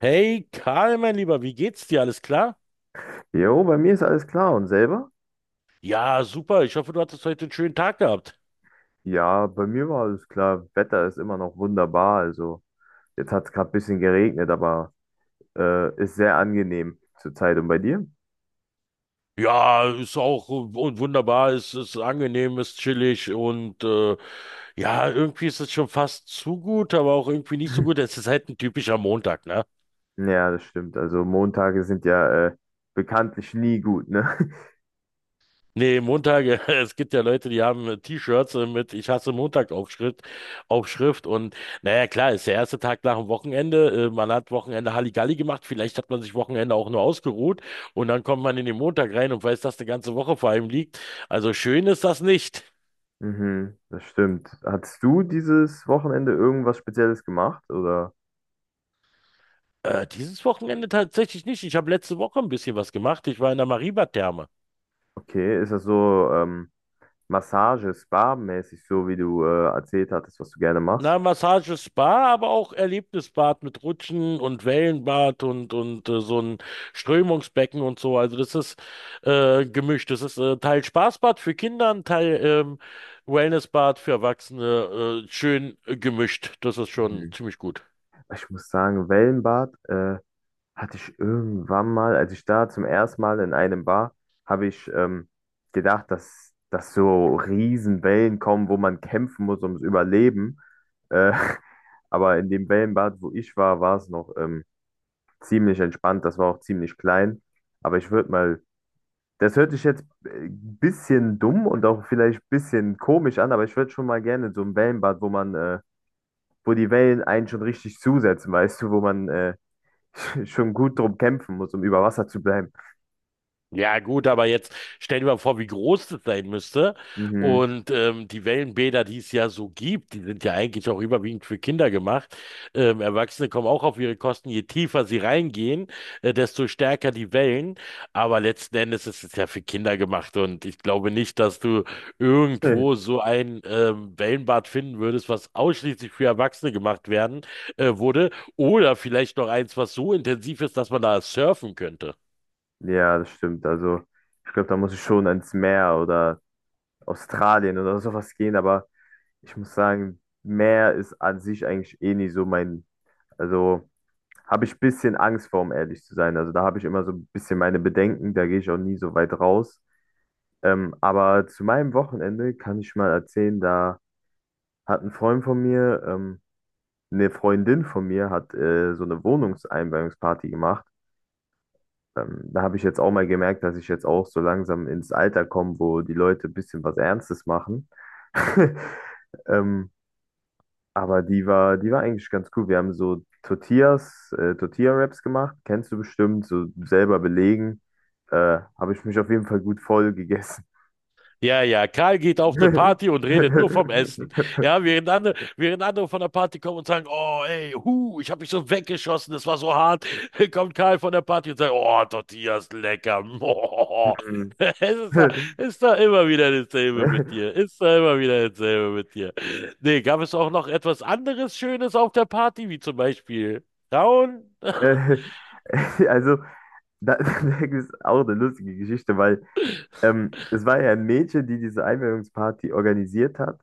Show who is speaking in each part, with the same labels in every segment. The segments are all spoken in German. Speaker 1: Hey Karl, mein Lieber, wie geht's dir? Alles klar?
Speaker 2: Jo, bei mir ist alles klar. Und selber?
Speaker 1: Ja, super. Ich hoffe, du hattest heute einen schönen Tag gehabt.
Speaker 2: Ja, bei mir war alles klar. Wetter ist immer noch wunderbar. Also, jetzt hat es gerade ein bisschen geregnet, aber ist sehr angenehm zurzeit. Und bei dir?
Speaker 1: Ja, ist auch wunderbar, ist angenehm, ist chillig und ja, irgendwie ist es schon fast zu gut, aber auch irgendwie nicht so gut. Es ist halt ein typischer Montag, ne?
Speaker 2: Ja, das stimmt. Also, Montage sind ja bekanntlich nie gut, ne?
Speaker 1: Nee, Montag, es gibt ja Leute, die haben T-Shirts mit "Ich hasse Montag" Aufschrift und naja, klar, ist der erste Tag nach dem Wochenende, man hat Wochenende Halligalli gemacht, vielleicht hat man sich Wochenende auch nur ausgeruht und dann kommt man in den Montag rein und weiß, dass die ganze Woche vor einem liegt. Also schön ist das nicht.
Speaker 2: Mhm, das stimmt. Hattest du dieses Wochenende irgendwas Spezielles gemacht? Oder
Speaker 1: Dieses Wochenende tatsächlich nicht. Ich habe letzte Woche ein bisschen was gemacht. Ich war in der Mariba-Therme.
Speaker 2: okay, ist das so Massage, Spa-mäßig, so wie du erzählt hattest, was du gerne
Speaker 1: Na,
Speaker 2: machst?
Speaker 1: Massage, Spa, aber auch Erlebnisbad mit Rutschen und Wellenbad und so ein Strömungsbecken und so. Also das ist gemischt. Das ist Teil Spaßbad für Kinder, ein Teil Wellnessbad für Erwachsene. Schön gemischt. Das ist schon
Speaker 2: Mhm.
Speaker 1: ziemlich gut.
Speaker 2: Ich muss sagen, Wellenbad. Hatte ich irgendwann mal, als ich da zum ersten Mal in einem war, habe ich gedacht, dass so Riesenwellen kommen, wo man kämpfen muss ums Überleben. Äh, aber in dem Wellenbad, wo ich war, war es noch ziemlich entspannt. Das war auch ziemlich klein. Aber ich würde mal, das hört sich jetzt ein bisschen dumm und auch vielleicht ein bisschen komisch an, aber ich würde schon mal gerne in so ein Wellenbad, wo man, wo die Wellen einen schon richtig zusetzen, weißt du, wo man schon gut drum kämpfen muss, um über Wasser zu bleiben.
Speaker 1: Ja, gut, aber jetzt stell dir mal vor, wie groß das sein müsste.
Speaker 2: Mhm.
Speaker 1: Und die Wellenbäder, die es ja so gibt, die sind ja eigentlich auch überwiegend für Kinder gemacht. Erwachsene kommen auch auf ihre Kosten. Je tiefer sie reingehen, desto stärker die Wellen. Aber letzten Endes ist es ja für Kinder gemacht. Und ich glaube nicht, dass du irgendwo so ein Wellenbad finden würdest, was ausschließlich für Erwachsene gemacht werden wurde. Oder vielleicht noch eins, was so intensiv ist, dass man da surfen könnte.
Speaker 2: Ja, das stimmt. Also, ich glaube, da muss ich schon ans Meer oder Australien oder sowas gehen, aber ich muss sagen, Meer ist an sich eigentlich eh nie so mein, also habe ich ein bisschen Angst vor, um ehrlich zu sein. Also da habe ich immer so ein bisschen meine Bedenken, da gehe ich auch nie so weit raus. Aber zu meinem Wochenende kann ich mal erzählen, da hat ein Freund von mir, eine Freundin von mir hat so eine Wohnungseinweihungsparty gemacht. Da habe ich jetzt auch mal gemerkt, dass ich jetzt auch so langsam ins Alter komme, wo die Leute ein bisschen was Ernstes machen. Ähm, aber die war eigentlich ganz cool. Wir haben so Tortillas, Tortilla-Wraps gemacht, kennst du bestimmt, so selber belegen. Habe ich mich auf jeden Fall gut voll gegessen.
Speaker 1: Ja, ja, Karl geht auf eine Party und redet nur vom Essen. Ja, während andere von der Party kommen und sagen, oh, ey, hu, ich habe mich so weggeschossen, das war so hart, kommt Karl von der Party und sagt, oh, Tortillas, lecker.
Speaker 2: Hm.
Speaker 1: Es
Speaker 2: Äh,
Speaker 1: ist da immer wieder dasselbe mit dir. Ist da immer wieder dasselbe mit dir. Nee, gab es auch noch etwas anderes Schönes auf der Party, wie zum Beispiel Frauen?
Speaker 2: also, da, da ist auch eine lustige Geschichte, weil es war ja ein Mädchen, die diese Einweihungsparty organisiert hat.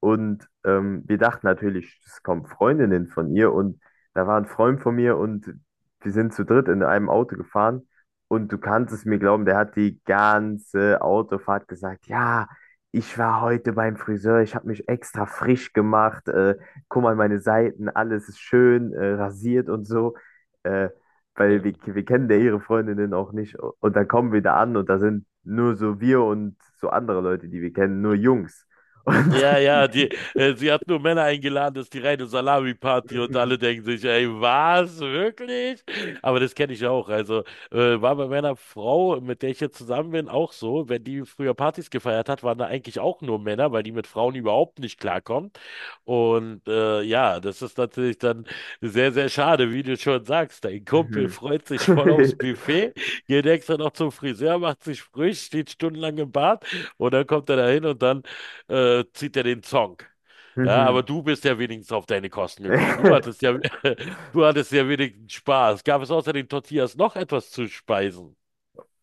Speaker 2: Und wir dachten natürlich, es kommen Freundinnen von ihr und da war ein Freund von mir und wir sind zu dritt in einem Auto gefahren und du kannst es mir glauben, der hat die ganze Autofahrt gesagt, ja, ich war heute beim Friseur, ich habe mich extra frisch gemacht, guck mal meine Seiten, alles ist schön, rasiert und so, äh, weil wir kennen ja ihre Freundinnen auch nicht und dann kommen wir da an und da sind nur so wir und so andere Leute, die wir kennen, nur Jungs. Und
Speaker 1: Ja, ja, die, sie hat nur Männer eingeladen, das ist die reine Salami-Party und
Speaker 2: Mhm.
Speaker 1: alle denken sich, ey, was, wirklich? Aber das kenne ich auch. Also war bei meiner Frau, mit der ich jetzt zusammen bin, auch so. Wenn die früher Partys gefeiert hat, waren da eigentlich auch nur Männer, weil die mit Frauen überhaupt nicht klarkommt. Und ja, das ist natürlich dann sehr, sehr schade, wie du schon sagst. Dein Kumpel
Speaker 2: Mhm.
Speaker 1: freut sich voll aufs Buffet, geht extra noch zum Friseur, macht sich frisch, steht stundenlang im Bad und dann kommt er da hin und dann zieht er den Zong. Ja, aber
Speaker 2: Mhm.
Speaker 1: du bist ja wenigstens auf deine Kosten gekommen. Du hattest ja, du hattest ja wenigstens Spaß. Gab es außer den Tortillas noch etwas zu speisen?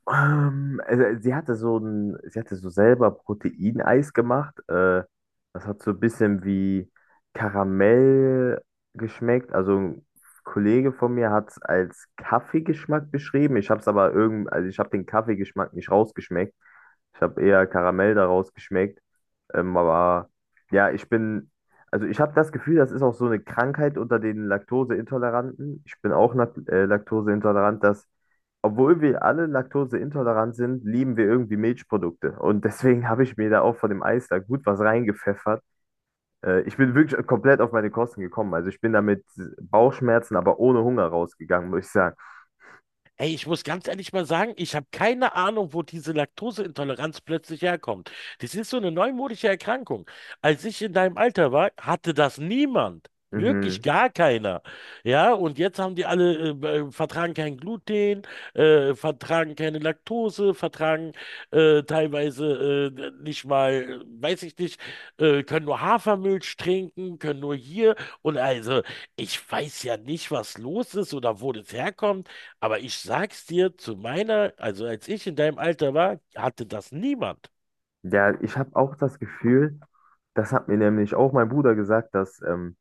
Speaker 2: Also sie hatte so selber Proteineis gemacht. Das hat so ein bisschen wie Karamell geschmeckt. Also ein Kollege von mir hat es als Kaffeegeschmack beschrieben. Ich habe es aber irgend, also ich habe den Kaffeegeschmack nicht rausgeschmeckt. Ich habe eher Karamell daraus geschmeckt. Aber ja, ich bin, also ich habe das Gefühl, das ist auch so eine Krankheit unter den Laktoseintoleranten. Ich bin auch laktoseintolerant, dass, obwohl wir alle laktoseintolerant sind, lieben wir irgendwie Milchprodukte. Und deswegen habe ich mir da auch von dem Eis da gut was reingepfeffert. Ich bin wirklich komplett auf meine Kosten gekommen. Also ich bin da mit Bauchschmerzen, aber ohne Hunger rausgegangen, muss ich sagen.
Speaker 1: Ey, ich muss ganz ehrlich mal sagen, ich habe keine Ahnung, wo diese Laktoseintoleranz plötzlich herkommt. Das ist so eine neumodische Erkrankung. Als ich in deinem Alter war, hatte das niemand. Wirklich
Speaker 2: Mhm.
Speaker 1: gar keiner. Ja, und jetzt haben die alle, vertragen kein Gluten, vertragen keine Laktose, vertragen teilweise nicht mal, weiß ich nicht, können nur Hafermilch trinken, können nur hier. Und also, ich weiß ja nicht, was los ist oder wo das herkommt. Aber ich sag's dir, zu meiner, also als ich in deinem Alter war, hatte das niemand.
Speaker 2: Ja, ich habe auch das Gefühl, das hat mir nämlich auch mein Bruder gesagt, dass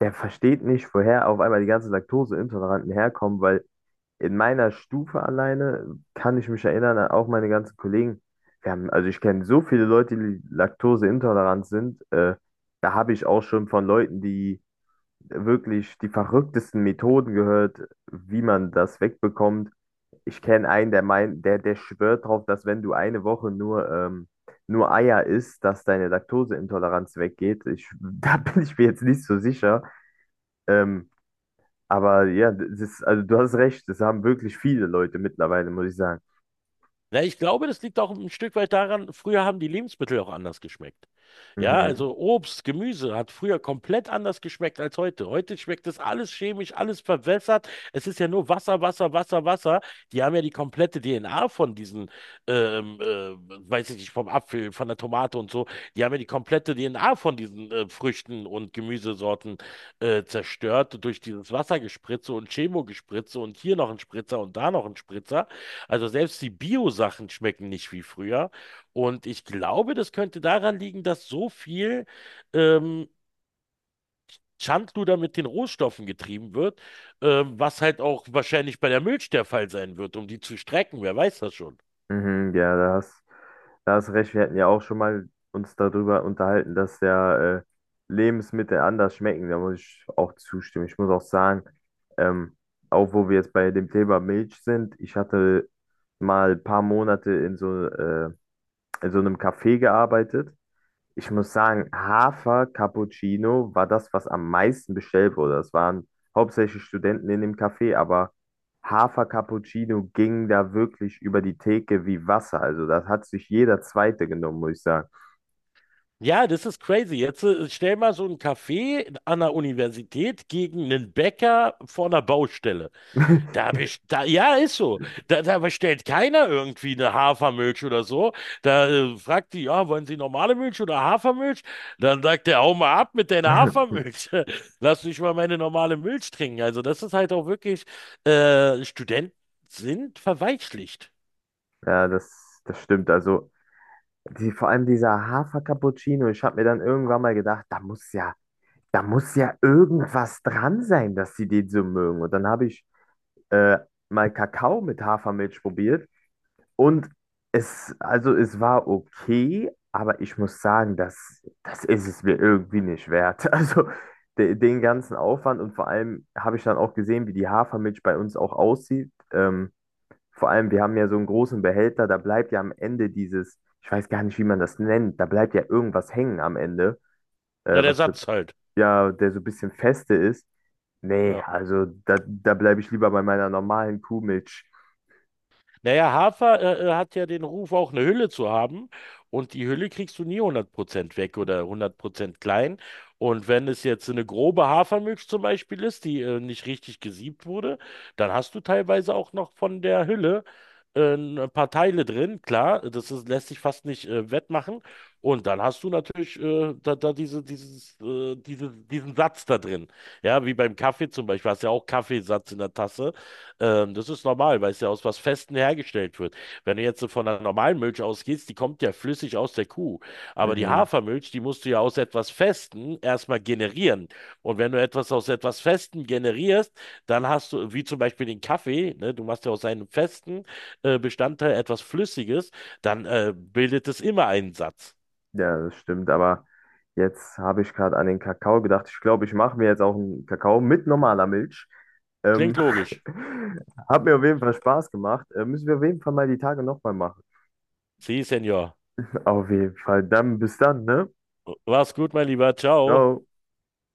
Speaker 2: der versteht nicht, woher auf einmal die ganzen Laktoseintoleranten herkommen, weil in meiner Stufe alleine kann ich mich erinnern, an auch meine ganzen Kollegen, wir haben, also ich kenne so viele Leute, die laktoseintolerant sind, da habe ich auch schon von Leuten, die wirklich die verrücktesten Methoden gehört, wie man das wegbekommt. Ich kenne einen, der meint, der schwört drauf, dass wenn du eine Woche nur, nur Eier isst, dass deine Laktoseintoleranz weggeht. Ich, da bin ich mir jetzt nicht so sicher. Ähm, aber ja, das ist, also du hast recht, das haben wirklich viele Leute mittlerweile, muss ich sagen.
Speaker 1: Na, ich glaube, das liegt auch ein Stück weit daran, früher haben die Lebensmittel auch anders geschmeckt. Ja,
Speaker 2: Mhm.
Speaker 1: also Obst, Gemüse hat früher komplett anders geschmeckt als heute. Heute schmeckt das alles chemisch, alles verwässert. Es ist ja nur Wasser, Wasser, Wasser, Wasser. Die haben ja die komplette DNA von diesen, ähm, äh, weiß ich nicht, vom Apfel, von der Tomate und so. Die haben ja die komplette DNA von diesen Früchten und Gemüsesorten zerstört durch dieses Wassergespritze und Chemogespritze und hier noch ein Spritzer und da noch ein Spritzer. Also selbst die Bio-Sachen schmecken nicht wie früher. Und ich glaube, das könnte daran liegen, dass so viel ähm, Schindluder mit den Rohstoffen getrieben wird, was halt auch wahrscheinlich bei der Milch der Fall sein wird, um die zu strecken. Wer weiß das schon?
Speaker 2: Mhm, ja, da hast recht. Wir hatten ja auch schon mal uns darüber unterhalten, dass ja Lebensmittel anders schmecken. Da muss ich auch zustimmen. Ich muss auch sagen, ähm, auch wo wir jetzt bei dem Thema Milch sind, ich hatte mal ein paar Monate in so einem Café gearbeitet. Ich muss sagen, Hafer Cappuccino war das, was am meisten bestellt wurde. Das waren hauptsächlich Studenten in dem Café, aber Hafer Cappuccino ging da wirklich über die Theke wie Wasser. Also das hat sich jeder Zweite genommen, muss ich sagen.
Speaker 1: Ja, das ist crazy. Jetzt stell mal so einen Café an der Universität gegen einen Bäcker vor einer Baustelle. Da best da ja, ist so. Da bestellt keiner irgendwie eine Hafermilch oder so. Da fragt die, ja, wollen Sie normale Milch oder Hafermilch? Dann sagt der, hau mal ab mit deiner Hafermilch. Lass mich mal meine normale Milch trinken. Also das ist halt auch wirklich, Studenten sind verweichlicht.
Speaker 2: Ja, das stimmt. Also die, vor allem dieser Hafer Cappuccino, ich habe mir dann irgendwann mal gedacht, da muss ja irgendwas dran sein, dass sie den so mögen. Und dann habe ich äh, mal Kakao mit Hafermilch probiert. Und es, also es war okay, aber ich muss sagen, das ist es mir irgendwie nicht wert. Also de, den ganzen Aufwand und vor allem habe ich dann auch gesehen, wie die Hafermilch bei uns auch aussieht. Vor allem, wir haben ja so einen großen Behälter, da bleibt ja am Ende dieses, ich weiß gar nicht, wie man das nennt, da bleibt ja irgendwas hängen am Ende,
Speaker 1: Na, der
Speaker 2: was so,
Speaker 1: Satz halt.
Speaker 2: ja, der so ein bisschen feste ist. Nee,
Speaker 1: Ja.
Speaker 2: also da, da bleibe ich lieber bei meiner normalen Kuhmilch.
Speaker 1: Naja, Hafer hat ja den Ruf, auch eine Hülle zu haben. Und die Hülle kriegst du nie 100% weg oder 100% klein. Und wenn es jetzt eine grobe Hafermilch zum Beispiel ist, die nicht richtig gesiebt wurde, dann hast du teilweise auch noch von der Hülle ein paar Teile drin. Klar, das ist, lässt sich fast nicht wettmachen. Und dann hast du natürlich da, da diese, dieses, diese, diesen Satz da drin. Ja, wie beim Kaffee zum Beispiel, hast ja auch Kaffeesatz in der Tasse. Das ist normal, weil es ja aus was Festem hergestellt wird. Wenn du jetzt so von einer normalen Milch ausgehst, die kommt ja flüssig aus der Kuh. Aber die
Speaker 2: Mhm.
Speaker 1: Hafermilch, die musst du ja aus etwas Festem erstmal generieren. Und wenn du etwas aus etwas Festem generierst, dann hast du, wie zum Beispiel den Kaffee, ne, du machst ja aus einem festen Bestandteil etwas Flüssiges, dann bildet es immer einen Satz.
Speaker 2: Ja, das stimmt, aber jetzt habe ich gerade an den Kakao gedacht. Ich glaube, ich mache mir jetzt auch einen Kakao mit normaler Milch. Ähm,
Speaker 1: Klingt logisch.
Speaker 2: hat mir auf jeden Fall Spaß gemacht. Müssen wir auf jeden Fall mal die Tage nochmal machen.
Speaker 1: Sie, Senor.
Speaker 2: Auf jeden Fall. Dann bis dann, ne?
Speaker 1: War's gut, mein Lieber. Ciao.
Speaker 2: Ciao.